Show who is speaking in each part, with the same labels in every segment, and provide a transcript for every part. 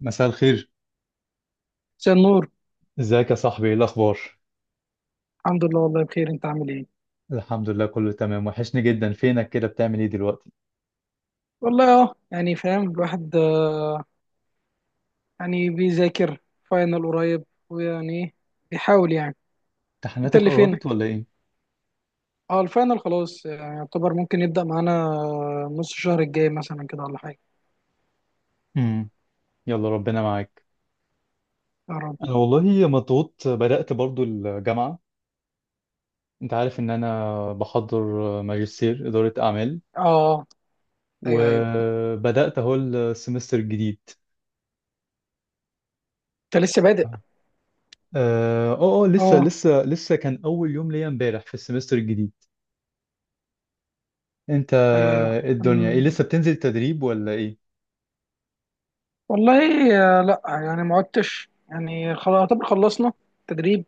Speaker 1: مساء الخير.
Speaker 2: مساء النور.
Speaker 1: ازيك يا صاحبي؟ ايه الاخبار؟
Speaker 2: الحمد لله، والله بخير. انت عامل ايه؟
Speaker 1: الحمد لله، كله تمام. وحشني جدا، فينك كده؟ بتعمل ايه دلوقتي؟
Speaker 2: والله اه، يعني فاهم الواحد، يعني بيذاكر. فاينل قريب، ويعني ايه، بيحاول يعني. انت
Speaker 1: امتحاناتك
Speaker 2: اللي
Speaker 1: قربت
Speaker 2: فينك.
Speaker 1: ولا ايه؟
Speaker 2: اه الفاينل خلاص، يعني يعتبر ممكن يبدأ معانا نص الشهر الجاي مثلا كده ولا حاجة.
Speaker 1: امم. يلا، ربنا معاك.
Speaker 2: يا رب.
Speaker 1: انا والله مضغوط، بدأت برضو الجامعة. انت عارف ان انا بحضر ماجستير إدارة اعمال،
Speaker 2: اه ايوه ايوه،
Speaker 1: وبدأت اهو السمستر الجديد.
Speaker 2: انت لسه بادئ.
Speaker 1: اه. اه. لسه
Speaker 2: اه
Speaker 1: لسه لسه كان اول يوم ليا امبارح في السمستر الجديد. انت؟
Speaker 2: ايوه ايوه.
Speaker 1: إيه الدنيا، ايه؟ لسه بتنزل تدريب ولا ايه؟
Speaker 2: والله، لا يعني ما عدتش، يعني خلاص يعتبر خلصنا تدريب.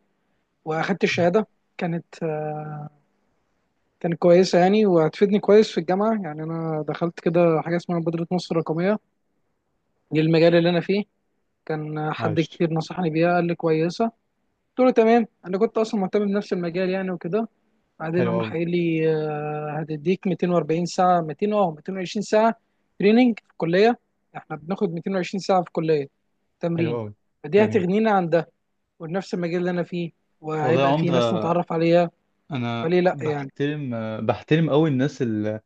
Speaker 2: واخدت الشهادة، كانت كانت كويسة يعني، وهتفيدني كويس في الجامعة. يعني أنا دخلت كده حاجة اسمها مبادرة مصر الرقمية، دي المجال اللي أنا فيه. كان حد
Speaker 1: عايش.
Speaker 2: كتير نصحني بيها، قال لي كويسة. قلت له تمام، أنا كنت أصلا مهتم بنفس المجال يعني وكده. بعدين
Speaker 1: حلو
Speaker 2: قام راح
Speaker 1: قوي.
Speaker 2: قايل لي هتديك 240 ساعة، 200 أه 220 ساعة تريننج في الكلية. إحنا بناخد 220 ساعة في الكلية
Speaker 1: حلو
Speaker 2: تمرين،
Speaker 1: قوي.
Speaker 2: فدي
Speaker 1: جميل.
Speaker 2: هتغنينا عن ده. ونفس المجال اللي أنا فيه،
Speaker 1: والله يا
Speaker 2: وهيبقى فيه ناس
Speaker 1: عمدة،
Speaker 2: نتعرف عليها.
Speaker 1: أنا
Speaker 2: فليه لأ يعني.
Speaker 1: بحترم قوي الناس اللي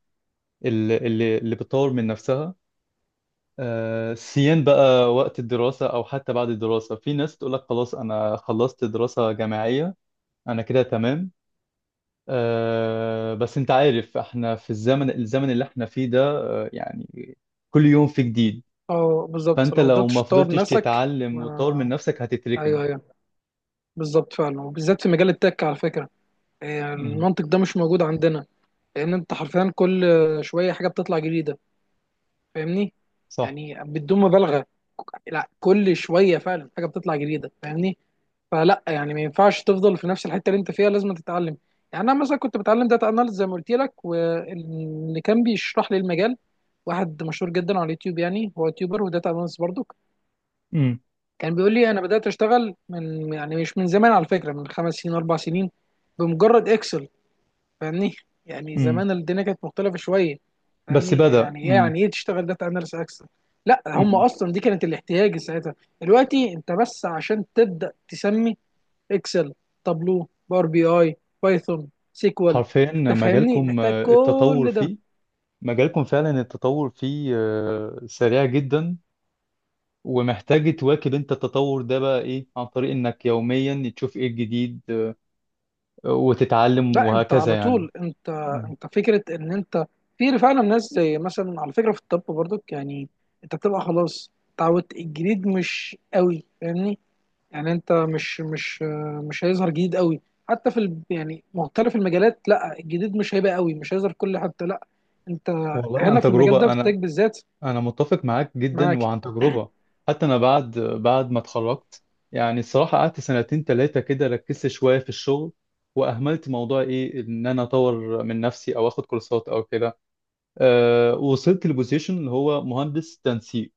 Speaker 1: اللي, اللي بتطور من نفسها. سيان بقى وقت الدراسة أو حتى بعد الدراسة. في ناس تقول لك خلاص، أنا خلصت دراسة جامعية، أنا كده تمام. بس أنت عارف إحنا في الزمن اللي إحنا فيه ده. يعني كل يوم في جديد.
Speaker 2: أه بالظبط،
Speaker 1: فأنت
Speaker 2: لو
Speaker 1: لو ما
Speaker 2: مفضلتش تطور
Speaker 1: فضلتش
Speaker 2: نفسك.
Speaker 1: تتعلم وتطور من
Speaker 2: ما
Speaker 1: نفسك، هتتركن.
Speaker 2: ايوه ايوه، بالظبط فعلا، وبالذات في مجال التك على فكره.
Speaker 1: مم.
Speaker 2: المنطق ده مش موجود عندنا. لان انت حرفيا كل شويه حاجه بتطلع جديده، فاهمني؟
Speaker 1: صح.
Speaker 2: يعني بدون مبالغه، لا كل شويه فعلا حاجه بتطلع جديده، فاهمني؟ فلا يعني ما ينفعش تفضل في نفس الحته اللي انت فيها، لازم تتعلم. يعني انا مثلا كنت بتعلم داتا اناليز زي ما قلت لك، واللي كان بيشرح لي المجال واحد مشهور جدا على اليوتيوب، يعني هو يوتيوبر وداتا اناليست برضه.
Speaker 1: مم.
Speaker 2: كان بيقول لي انا بدات اشتغل من، يعني مش من زمان على فكره، من 5 سنين 4 سنين بمجرد اكسل، فاهمني؟ يعني
Speaker 1: مم.
Speaker 2: زمان الدنيا كانت مختلفه شويه،
Speaker 1: بس
Speaker 2: فاهمني
Speaker 1: بدأ.
Speaker 2: يعني ايه، يعني ايه تشتغل داتا اناليس اكسل؟ لا هم
Speaker 1: مم.
Speaker 2: اصلا دي كانت الاحتياج ساعتها. دلوقتي انت بس عشان تبدا تسمي اكسل، تابلو، باور بي اي، بايثون، سيكوال،
Speaker 1: حرفيا
Speaker 2: تفهمني
Speaker 1: مجالكم
Speaker 2: محتاج
Speaker 1: التطور
Speaker 2: كل ده.
Speaker 1: فيه. مجالكم فعلا، التطور فيه سريع جدا. ومحتاج تواكب انت التطور ده، بقى ايه؟ عن طريق انك يوميا تشوف ايه الجديد، وتتعلم،
Speaker 2: لا انت
Speaker 1: وهكذا
Speaker 2: على
Speaker 1: يعني.
Speaker 2: طول، انت
Speaker 1: مم.
Speaker 2: انت فكره ان انت، في فعلا ناس زي مثلا على فكره في الطب برضك يعني، انت بتبقى خلاص اتعودت الجديد مش قوي، فاهمني؟ يعني انت مش مش هيظهر جديد قوي، حتى يعني مختلف المجالات، لا الجديد مش هيبقى قوي، مش هيظهر في كل حته. لا انت
Speaker 1: والله
Speaker 2: هنا
Speaker 1: عن
Speaker 2: في المجال ده
Speaker 1: تجربة
Speaker 2: في التك
Speaker 1: انا.
Speaker 2: بالذات.
Speaker 1: انا متفق معاك جدا،
Speaker 2: معاك.
Speaker 1: وعن تجربة. حتى انا، بعد ما اتخرجت يعني الصراحة قعدت سنتين ثلاثة كده، ركزت شوية في الشغل واهملت موضوع ايه، ان انا اطور من نفسي او اخد كورسات او كده. وصلت لبوزيشن اللي هو مهندس تنسيق.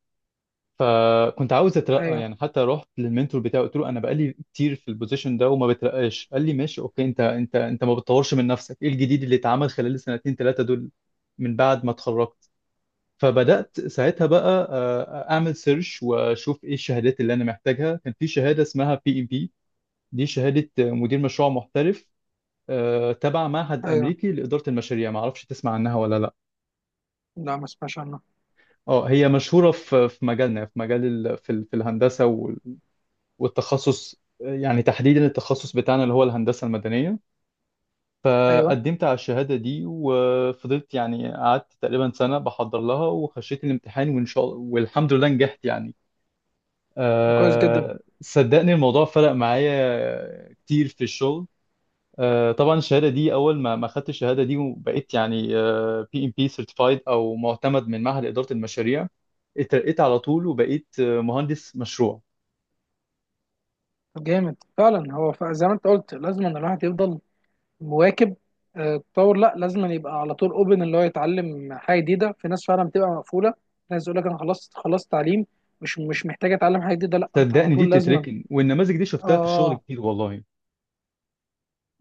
Speaker 1: فكنت عاوز اترقى
Speaker 2: ايوه
Speaker 1: يعني، حتى رحت للمنتور بتاعي، قلت له انا بقالي كتير في البوزيشن ده وما بترقاش. قال لي ماشي، اوكي، انت ما بتطورش من نفسك، ايه الجديد اللي اتعمل خلال السنتين ثلاثه دول من بعد ما اتخرجت؟ فبدات ساعتها بقى اعمل سيرش واشوف ايه الشهادات اللي انا محتاجها. كان في شهاده اسمها بي ام بي، دي شهاده مدير مشروع محترف، تبع معهد
Speaker 2: ايوه.
Speaker 1: امريكي لاداره المشاريع. ما اعرفش تسمع عنها ولا لا؟
Speaker 2: لا ما اسمعش عنه.
Speaker 1: اه، هي مشهورة في مجالنا، في مجال في في الهندسة والتخصص يعني تحديدا التخصص بتاعنا اللي هو الهندسة المدنية.
Speaker 2: ايوه.
Speaker 1: فقدمت على الشهادة دي وفضلت يعني قعدت تقريبا سنة بحضر لها، وخشيت الامتحان، وإن شاء الله والحمد لله نجحت يعني.
Speaker 2: طب كويس جدا.
Speaker 1: أه صدقني، الموضوع فرق معايا كتير في الشغل. طبعا الشهاده دي اول ما خدت الشهاده دي وبقيت يعني بي ام بي سيرتيفايد او معتمد من معهد اداره المشاريع، اترقيت على طول وبقيت مهندس مشروع.
Speaker 2: طب جامد فعلا. هو زي ما انت قلت لازم ان الواحد يفضل مواكب التطور. لا لازم أن يبقى على طول اوبن، اللي هو يتعلم حاجه جديده. في ناس فعلا بتبقى مقفوله، ناس يقول لك انا خلصت خلصت تعليم، مش محتاج اتعلم حاجه جديده. لا انت على
Speaker 1: صدقني دي
Speaker 2: طول لازما.
Speaker 1: بتتركن، والنماذج دي
Speaker 2: اه
Speaker 1: شفتها في الشغل
Speaker 2: اه.
Speaker 1: كتير والله.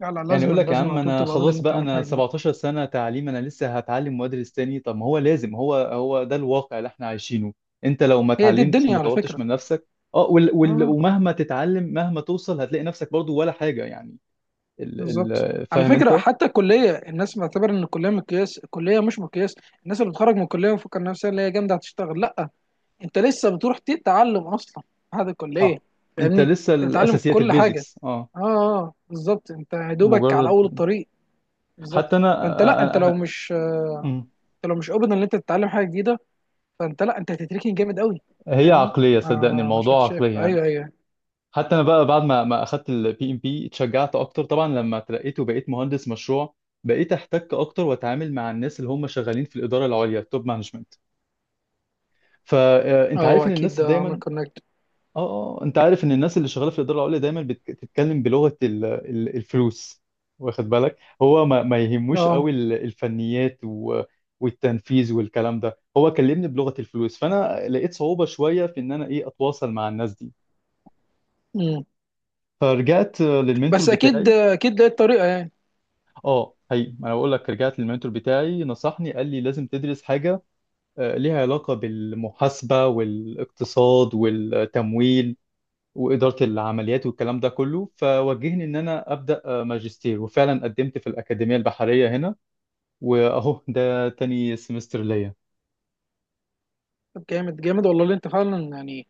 Speaker 2: لا لا،
Speaker 1: يعني يقول
Speaker 2: لازما
Speaker 1: لك يا
Speaker 2: لازما
Speaker 1: عم،
Speaker 2: على طول
Speaker 1: انا
Speaker 2: تبقى اوبن اللي
Speaker 1: خلاص
Speaker 2: انت
Speaker 1: بقى،
Speaker 2: تتعلم
Speaker 1: انا
Speaker 2: حاجه جديده.
Speaker 1: 17 سنه تعليم، انا لسه هتعلم وادرس تاني؟ طب ما هو لازم، هو هو ده الواقع اللي احنا عايشينه. انت لو ما
Speaker 2: هي دي
Speaker 1: اتعلمتش
Speaker 2: الدنيا
Speaker 1: وما
Speaker 2: على
Speaker 1: طورتش
Speaker 2: فكره.
Speaker 1: من نفسك، اه وال وال
Speaker 2: اه
Speaker 1: ومهما تتعلم مهما توصل، هتلاقي نفسك برضو ولا حاجه يعني.
Speaker 2: بالظبط على
Speaker 1: فاهم
Speaker 2: فكره.
Speaker 1: انت؟
Speaker 2: حتى الكليه الناس معتبر ان الكليه مقياس، الكليه مش مقياس. الناس اللي بتخرج من الكليه ومفكر نفسها اللي هي جامده هتشتغل، لا انت لسه بتروح تتعلم اصلا بعد الكليه،
Speaker 1: صح. انت
Speaker 2: فاهمني؟
Speaker 1: لسه
Speaker 2: انت بتتعلم
Speaker 1: الاساسيات،
Speaker 2: كل حاجه.
Speaker 1: البيزكس. اه.
Speaker 2: اه اه بالظبط، انت يا دوبك على
Speaker 1: مجرد.
Speaker 2: اول الطريق. بالظبط.
Speaker 1: حتى انا.
Speaker 2: فانت لا، انت
Speaker 1: انا,
Speaker 2: لو
Speaker 1: أنا...
Speaker 2: مش
Speaker 1: أمم.
Speaker 2: انت لو مش اوبن ان انت تتعلم حاجه جديده، فانت لا انت هتتركن جامد قوي،
Speaker 1: هي
Speaker 2: فاهمني؟
Speaker 1: عقليه،
Speaker 2: ما
Speaker 1: صدقني
Speaker 2: ما مش
Speaker 1: الموضوع عقليه
Speaker 2: هتشاف.
Speaker 1: يعني.
Speaker 2: ايوه ايوه.
Speaker 1: حتى انا بقى بعد ما اخدت البي ام بي اتشجعت اكتر. طبعا لما اترقيت وبقيت مهندس مشروع، بقيت احتك اكتر واتعامل مع الناس اللي هم شغالين في الاداره العليا، التوب مانجمنت.
Speaker 2: اه
Speaker 1: فانت عارف
Speaker 2: هو
Speaker 1: ان
Speaker 2: اكيد
Speaker 1: الناس
Speaker 2: ده عمل
Speaker 1: دايما.
Speaker 2: كونكت.
Speaker 1: اه. اه. انت عارف ان الناس اللي شغاله في الاداره العليا دايما بتتكلم بلغه الفلوس. واخد بالك؟ هو ما يهموش
Speaker 2: اه.
Speaker 1: قوي الفنيات والتنفيذ والكلام ده. هو كلمني بلغه الفلوس، فانا لقيت صعوبه شويه في ان انا، ايه، اتواصل مع الناس دي.
Speaker 2: مم.
Speaker 1: فرجعت للمنتور
Speaker 2: بس اكيد
Speaker 1: بتاعي.
Speaker 2: اكيد لقيت طريقه.
Speaker 1: اه، هي ما انا بقول لك، رجعت للمنتور بتاعي نصحني، قال لي لازم تدرس حاجه ليها علاقه بالمحاسبه والاقتصاد والتمويل وإدارة العمليات والكلام ده كله. فوجهني إن أنا أبدأ ماجستير، وفعلا قدمت في الأكاديمية البحرية هنا، وأهو ده تاني سمستر ليا.
Speaker 2: طب جامد جامد، والله اللي انت فعلا يعني.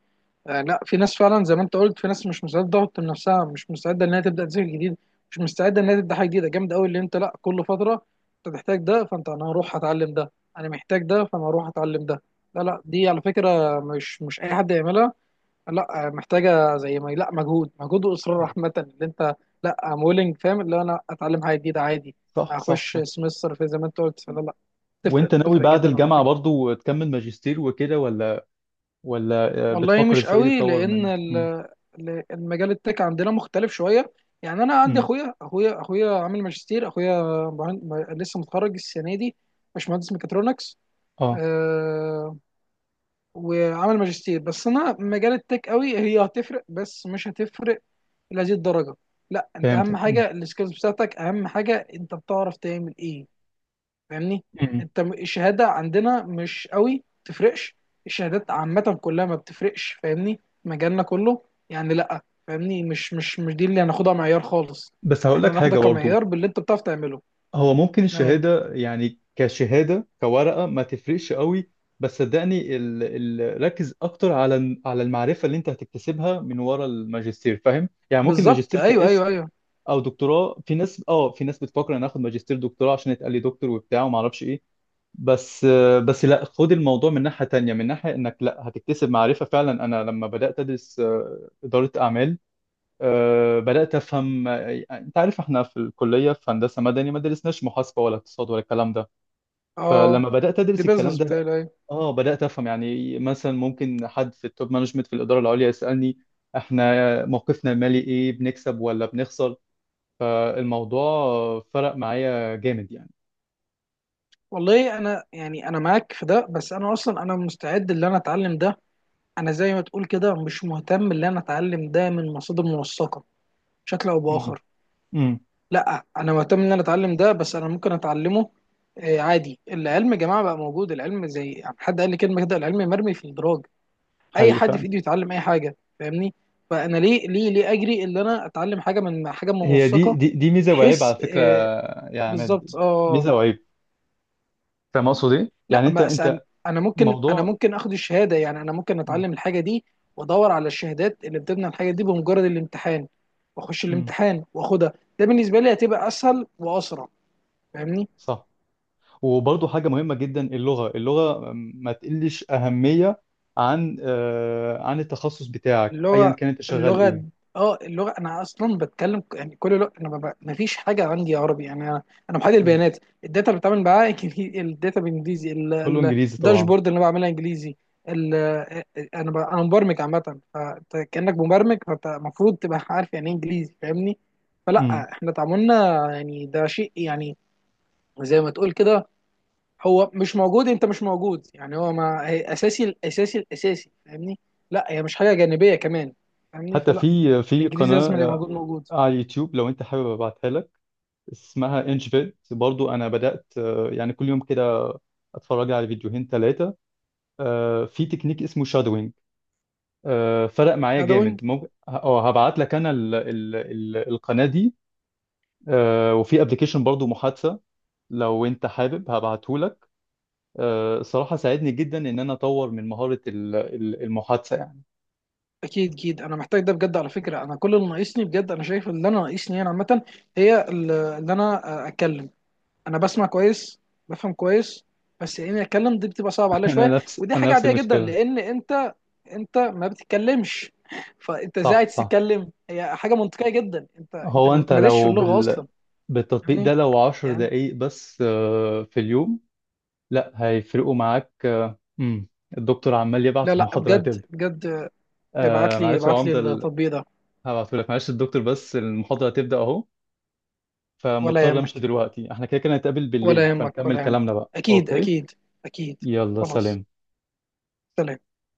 Speaker 2: آه لا، في ناس فعلا زي ما انت قلت، في ناس مش مستعده تضغط من نفسها، مش مستعده انها تبدا تذاكر جديد، مش مستعده انها تبدا حاجه جديده. جامد قوي اللي انت. لا كل فتره انت تحتاج ده، فانت انا هروح اتعلم ده، انا محتاج ده فانا هروح اتعلم ده. لا لا، دي على فكره مش اي حد يعملها. لا محتاجه زي ما، لا مجهود مجهود واصرار
Speaker 1: آه،
Speaker 2: عامه اللي انت. لا ام ويلنج، فاهم، اللي انا اتعلم حاجه جديده عادي.
Speaker 1: صح، صح،
Speaker 2: اخش
Speaker 1: صح.
Speaker 2: سمستر في زي ما انت قلت. لا لا، تفرق
Speaker 1: وأنت ناوي
Speaker 2: تفرق
Speaker 1: بعد
Speaker 2: جدا على
Speaker 1: الجامعة
Speaker 2: فكره.
Speaker 1: برضو تكمل ماجستير وكده، ولا
Speaker 2: والله
Speaker 1: بتفكر
Speaker 2: مش
Speaker 1: إزاي
Speaker 2: قوي
Speaker 1: تطور
Speaker 2: لان
Speaker 1: من مم،؟
Speaker 2: المجال التك عندنا مختلف شويه. يعني انا عندي
Speaker 1: مم،.
Speaker 2: اخويا اخويا اخويا عامل ماجستير. اخويا لسه متخرج السنه دي، مش مهندس ميكاترونكس.
Speaker 1: آه
Speaker 2: أه. وعامل ماجستير، بس انا مجال التك قوي هي هتفرق بس مش هتفرق لهذه الدرجه. لا انت اهم
Speaker 1: فهمتك. مم،.
Speaker 2: حاجه السكيلز بتاعتك، اهم حاجه انت بتعرف تعمل ايه، فاهمني؟
Speaker 1: مم.
Speaker 2: انت الشهاده عندنا مش قوي تفرقش. الشهادات عامه كلها ما بتفرقش، فاهمني؟ مجالنا كله. يعني لا فاهمني، مش مش دي اللي هناخدها معيار خالص.
Speaker 1: بس هقول
Speaker 2: احنا
Speaker 1: لك حاجة
Speaker 2: هناخدها
Speaker 1: برضو.
Speaker 2: كمعيار باللي انت بتعرف تعمله.
Speaker 1: هو ممكن
Speaker 2: معاك.
Speaker 1: الشهادة يعني كشهادة كورقة ما تفرقش قوي. بس صدقني ركز أكتر على المعرفة اللي أنت هتكتسبها من ورا الماجستير. فاهم؟ يعني ممكن
Speaker 2: بالظبط
Speaker 1: ماجستير
Speaker 2: ايوه
Speaker 1: كاسم
Speaker 2: ايوه ايوه.
Speaker 1: أو دكتوراه، في ناس في ناس بتفكر أنا آخد ماجستير دكتوراه عشان يتقال لي دكتور وبتاع وما أعرفش إيه. بس بس لا، خد الموضوع من ناحية تانية، من ناحية إنك لا هتكتسب معرفة فعلا. أنا لما بدأت أدرس إدارة أعمال، أه بدأت أفهم. أنت عارف إحنا في الكلية في هندسة مدني ما درسناش محاسبة ولا اقتصاد ولا الكلام ده.
Speaker 2: اه
Speaker 1: فلما بدأت
Speaker 2: دي
Speaker 1: أدرس الكلام
Speaker 2: بيزنس
Speaker 1: ده،
Speaker 2: بتاعي،
Speaker 1: لأ،
Speaker 2: ايوه.
Speaker 1: آه بدأت أفهم. يعني مثلا ممكن حد في التوب مانجمنت، في الإدارة العليا، يسألني إحنا موقفنا المالي إيه؟ بنكسب ولا بنخسر؟ فالموضوع فرق معايا جامد يعني.
Speaker 2: والله انا يعني انا معاك في ده، بس انا اصلا انا مستعد ان انا اتعلم ده. انا زي ما تقول كده مش مهتم ان انا اتعلم ده من مصادر موثقه، بشكل او
Speaker 1: امم.
Speaker 2: باخر.
Speaker 1: امم.
Speaker 2: لا انا مهتم ان انا اتعلم ده، بس انا ممكن اتعلمه. عادي، العلم يا جماعه بقى موجود. العلم زي، يعني حد قال لي كلمه كده، العلم مرمي في الدراج، اي
Speaker 1: حقيقي
Speaker 2: حد في
Speaker 1: فعلا.
Speaker 2: ايده يتعلم اي حاجه، فاهمني؟ فانا ليه ليه ليه اجري ان انا اتعلم حاجه من حاجه
Speaker 1: هي دي
Speaker 2: موثقه،
Speaker 1: دي دي ميزة وعيب
Speaker 2: بحيث
Speaker 1: على فكرة، يا عماد.
Speaker 2: بالظبط اه.
Speaker 1: ميزة وعيب. فاهم أقصد إيه؟
Speaker 2: لا
Speaker 1: يعني أنت
Speaker 2: ما اسال.
Speaker 1: أنت
Speaker 2: انا ممكن انا
Speaker 1: موضوع.
Speaker 2: ممكن اخد الشهاده، يعني انا ممكن
Speaker 1: امم.
Speaker 2: اتعلم الحاجه دي، وادور على الشهادات اللي بتبنى الحاجه دي، بمجرد الامتحان واخش
Speaker 1: امم.
Speaker 2: الامتحان واخدها. ده بالنسبه لي هتبقى اسهل واسرع، فاهمني؟
Speaker 1: صح. وبرضه حاجة مهمة جدا، اللغة ما تقلش أهمية عن عن التخصص بتاعك أيا
Speaker 2: اللغة،
Speaker 1: كان أنت شغال
Speaker 2: اللغة.
Speaker 1: إيه.
Speaker 2: اه اللغة، انا اصلا بتكلم يعني كل لغة انا ببقى ما فيش حاجة عندي، عربي يعني انا، انا محلل
Speaker 1: مم.
Speaker 2: البيانات، الداتا اللي بتعامل معاها الداتا بالانجليزي،
Speaker 1: كله إنجليزي طبعا.
Speaker 2: الداشبورد اللي انا بعملها انجليزي، ال- انا انا مبرمج عامة، فانت كأنك مبرمج، فانت المفروض تبقى عارف يعني ايه انجليزي، فاهمني؟
Speaker 1: مم.
Speaker 2: فلا احنا تعاملنا يعني ده شيء يعني زي ما تقول كده، هو مش موجود. انت مش موجود يعني، هو ما هي اساسي، الاساسي الاساسي، فاهمني؟ لا هي مش حاجه جانبيه كمان، فاهمني؟
Speaker 1: حتى
Speaker 2: فلا
Speaker 1: في
Speaker 2: الانجليزي لازم، اللي
Speaker 1: قناة
Speaker 2: موجود موجود.
Speaker 1: على اليوتيوب، لو أنت حابب أبعتها لك، اسمها إنش بيت. برضه أنا بدأت يعني كل يوم كده أتفرج على فيديوهين 3، في تكنيك اسمه شادوينج. فرق معايا
Speaker 2: لا ده
Speaker 1: جامد.
Speaker 2: وينج.
Speaker 1: ممكن أه هبعت لك أنا القناة دي. وفي ابلكيشن برضه محادثة، لو انت حابب هبعتهولك. الصراحة ساعدني جدا ان انا اطور من مهارة المحادثة يعني.
Speaker 2: اكيد اكيد، انا محتاج ده بجد على فكره. انا كل اللي ناقصني بجد، انا شايف اللي انا ناقصني انا عامه، هي اللي انا اتكلم. انا بسمع كويس، بفهم كويس، بس اني اتكلم دي بتبقى صعب عليا
Speaker 1: انا
Speaker 2: شويه.
Speaker 1: نفس
Speaker 2: ودي
Speaker 1: انا
Speaker 2: حاجه
Speaker 1: نفس
Speaker 2: عاديه جدا،
Speaker 1: المشكلة.
Speaker 2: لان انت، انت ما بتتكلمش فانت ازاي
Speaker 1: صح،
Speaker 2: عايز
Speaker 1: صح.
Speaker 2: تتكلم؟ هي حاجه منطقيه جدا، انت
Speaker 1: هو
Speaker 2: ما
Speaker 1: انت
Speaker 2: بتمارسش
Speaker 1: لو
Speaker 2: اللغه اصلا،
Speaker 1: بالتطبيق
Speaker 2: فاهمني؟
Speaker 1: ده، لو عشر
Speaker 2: يعني.
Speaker 1: دقايق بس في اليوم، لا هيفرقوا معاك. مم. الدكتور عمال
Speaker 2: لا
Speaker 1: يبعت،
Speaker 2: لا
Speaker 1: المحاضرة
Speaker 2: بجد
Speaker 1: هتبدأ.
Speaker 2: بجد، ابعت لي
Speaker 1: معلش يا
Speaker 2: ابعت لي
Speaker 1: عمدة
Speaker 2: التطبيق ده.
Speaker 1: هبعتهولك. معلش الدكتور بس المحاضرة هتبدأ اهو،
Speaker 2: ولا
Speaker 1: فمضطر امشي
Speaker 2: يهمك
Speaker 1: دلوقتي. احنا كده كده هنتقابل
Speaker 2: ولا
Speaker 1: بالليل،
Speaker 2: يهمك
Speaker 1: فنكمل
Speaker 2: ولا يهمك،
Speaker 1: كلامنا بقى.
Speaker 2: اكيد
Speaker 1: اوكي.
Speaker 2: اكيد. اكيد.
Speaker 1: يلا،
Speaker 2: خلاص.
Speaker 1: سلام.
Speaker 2: سلام.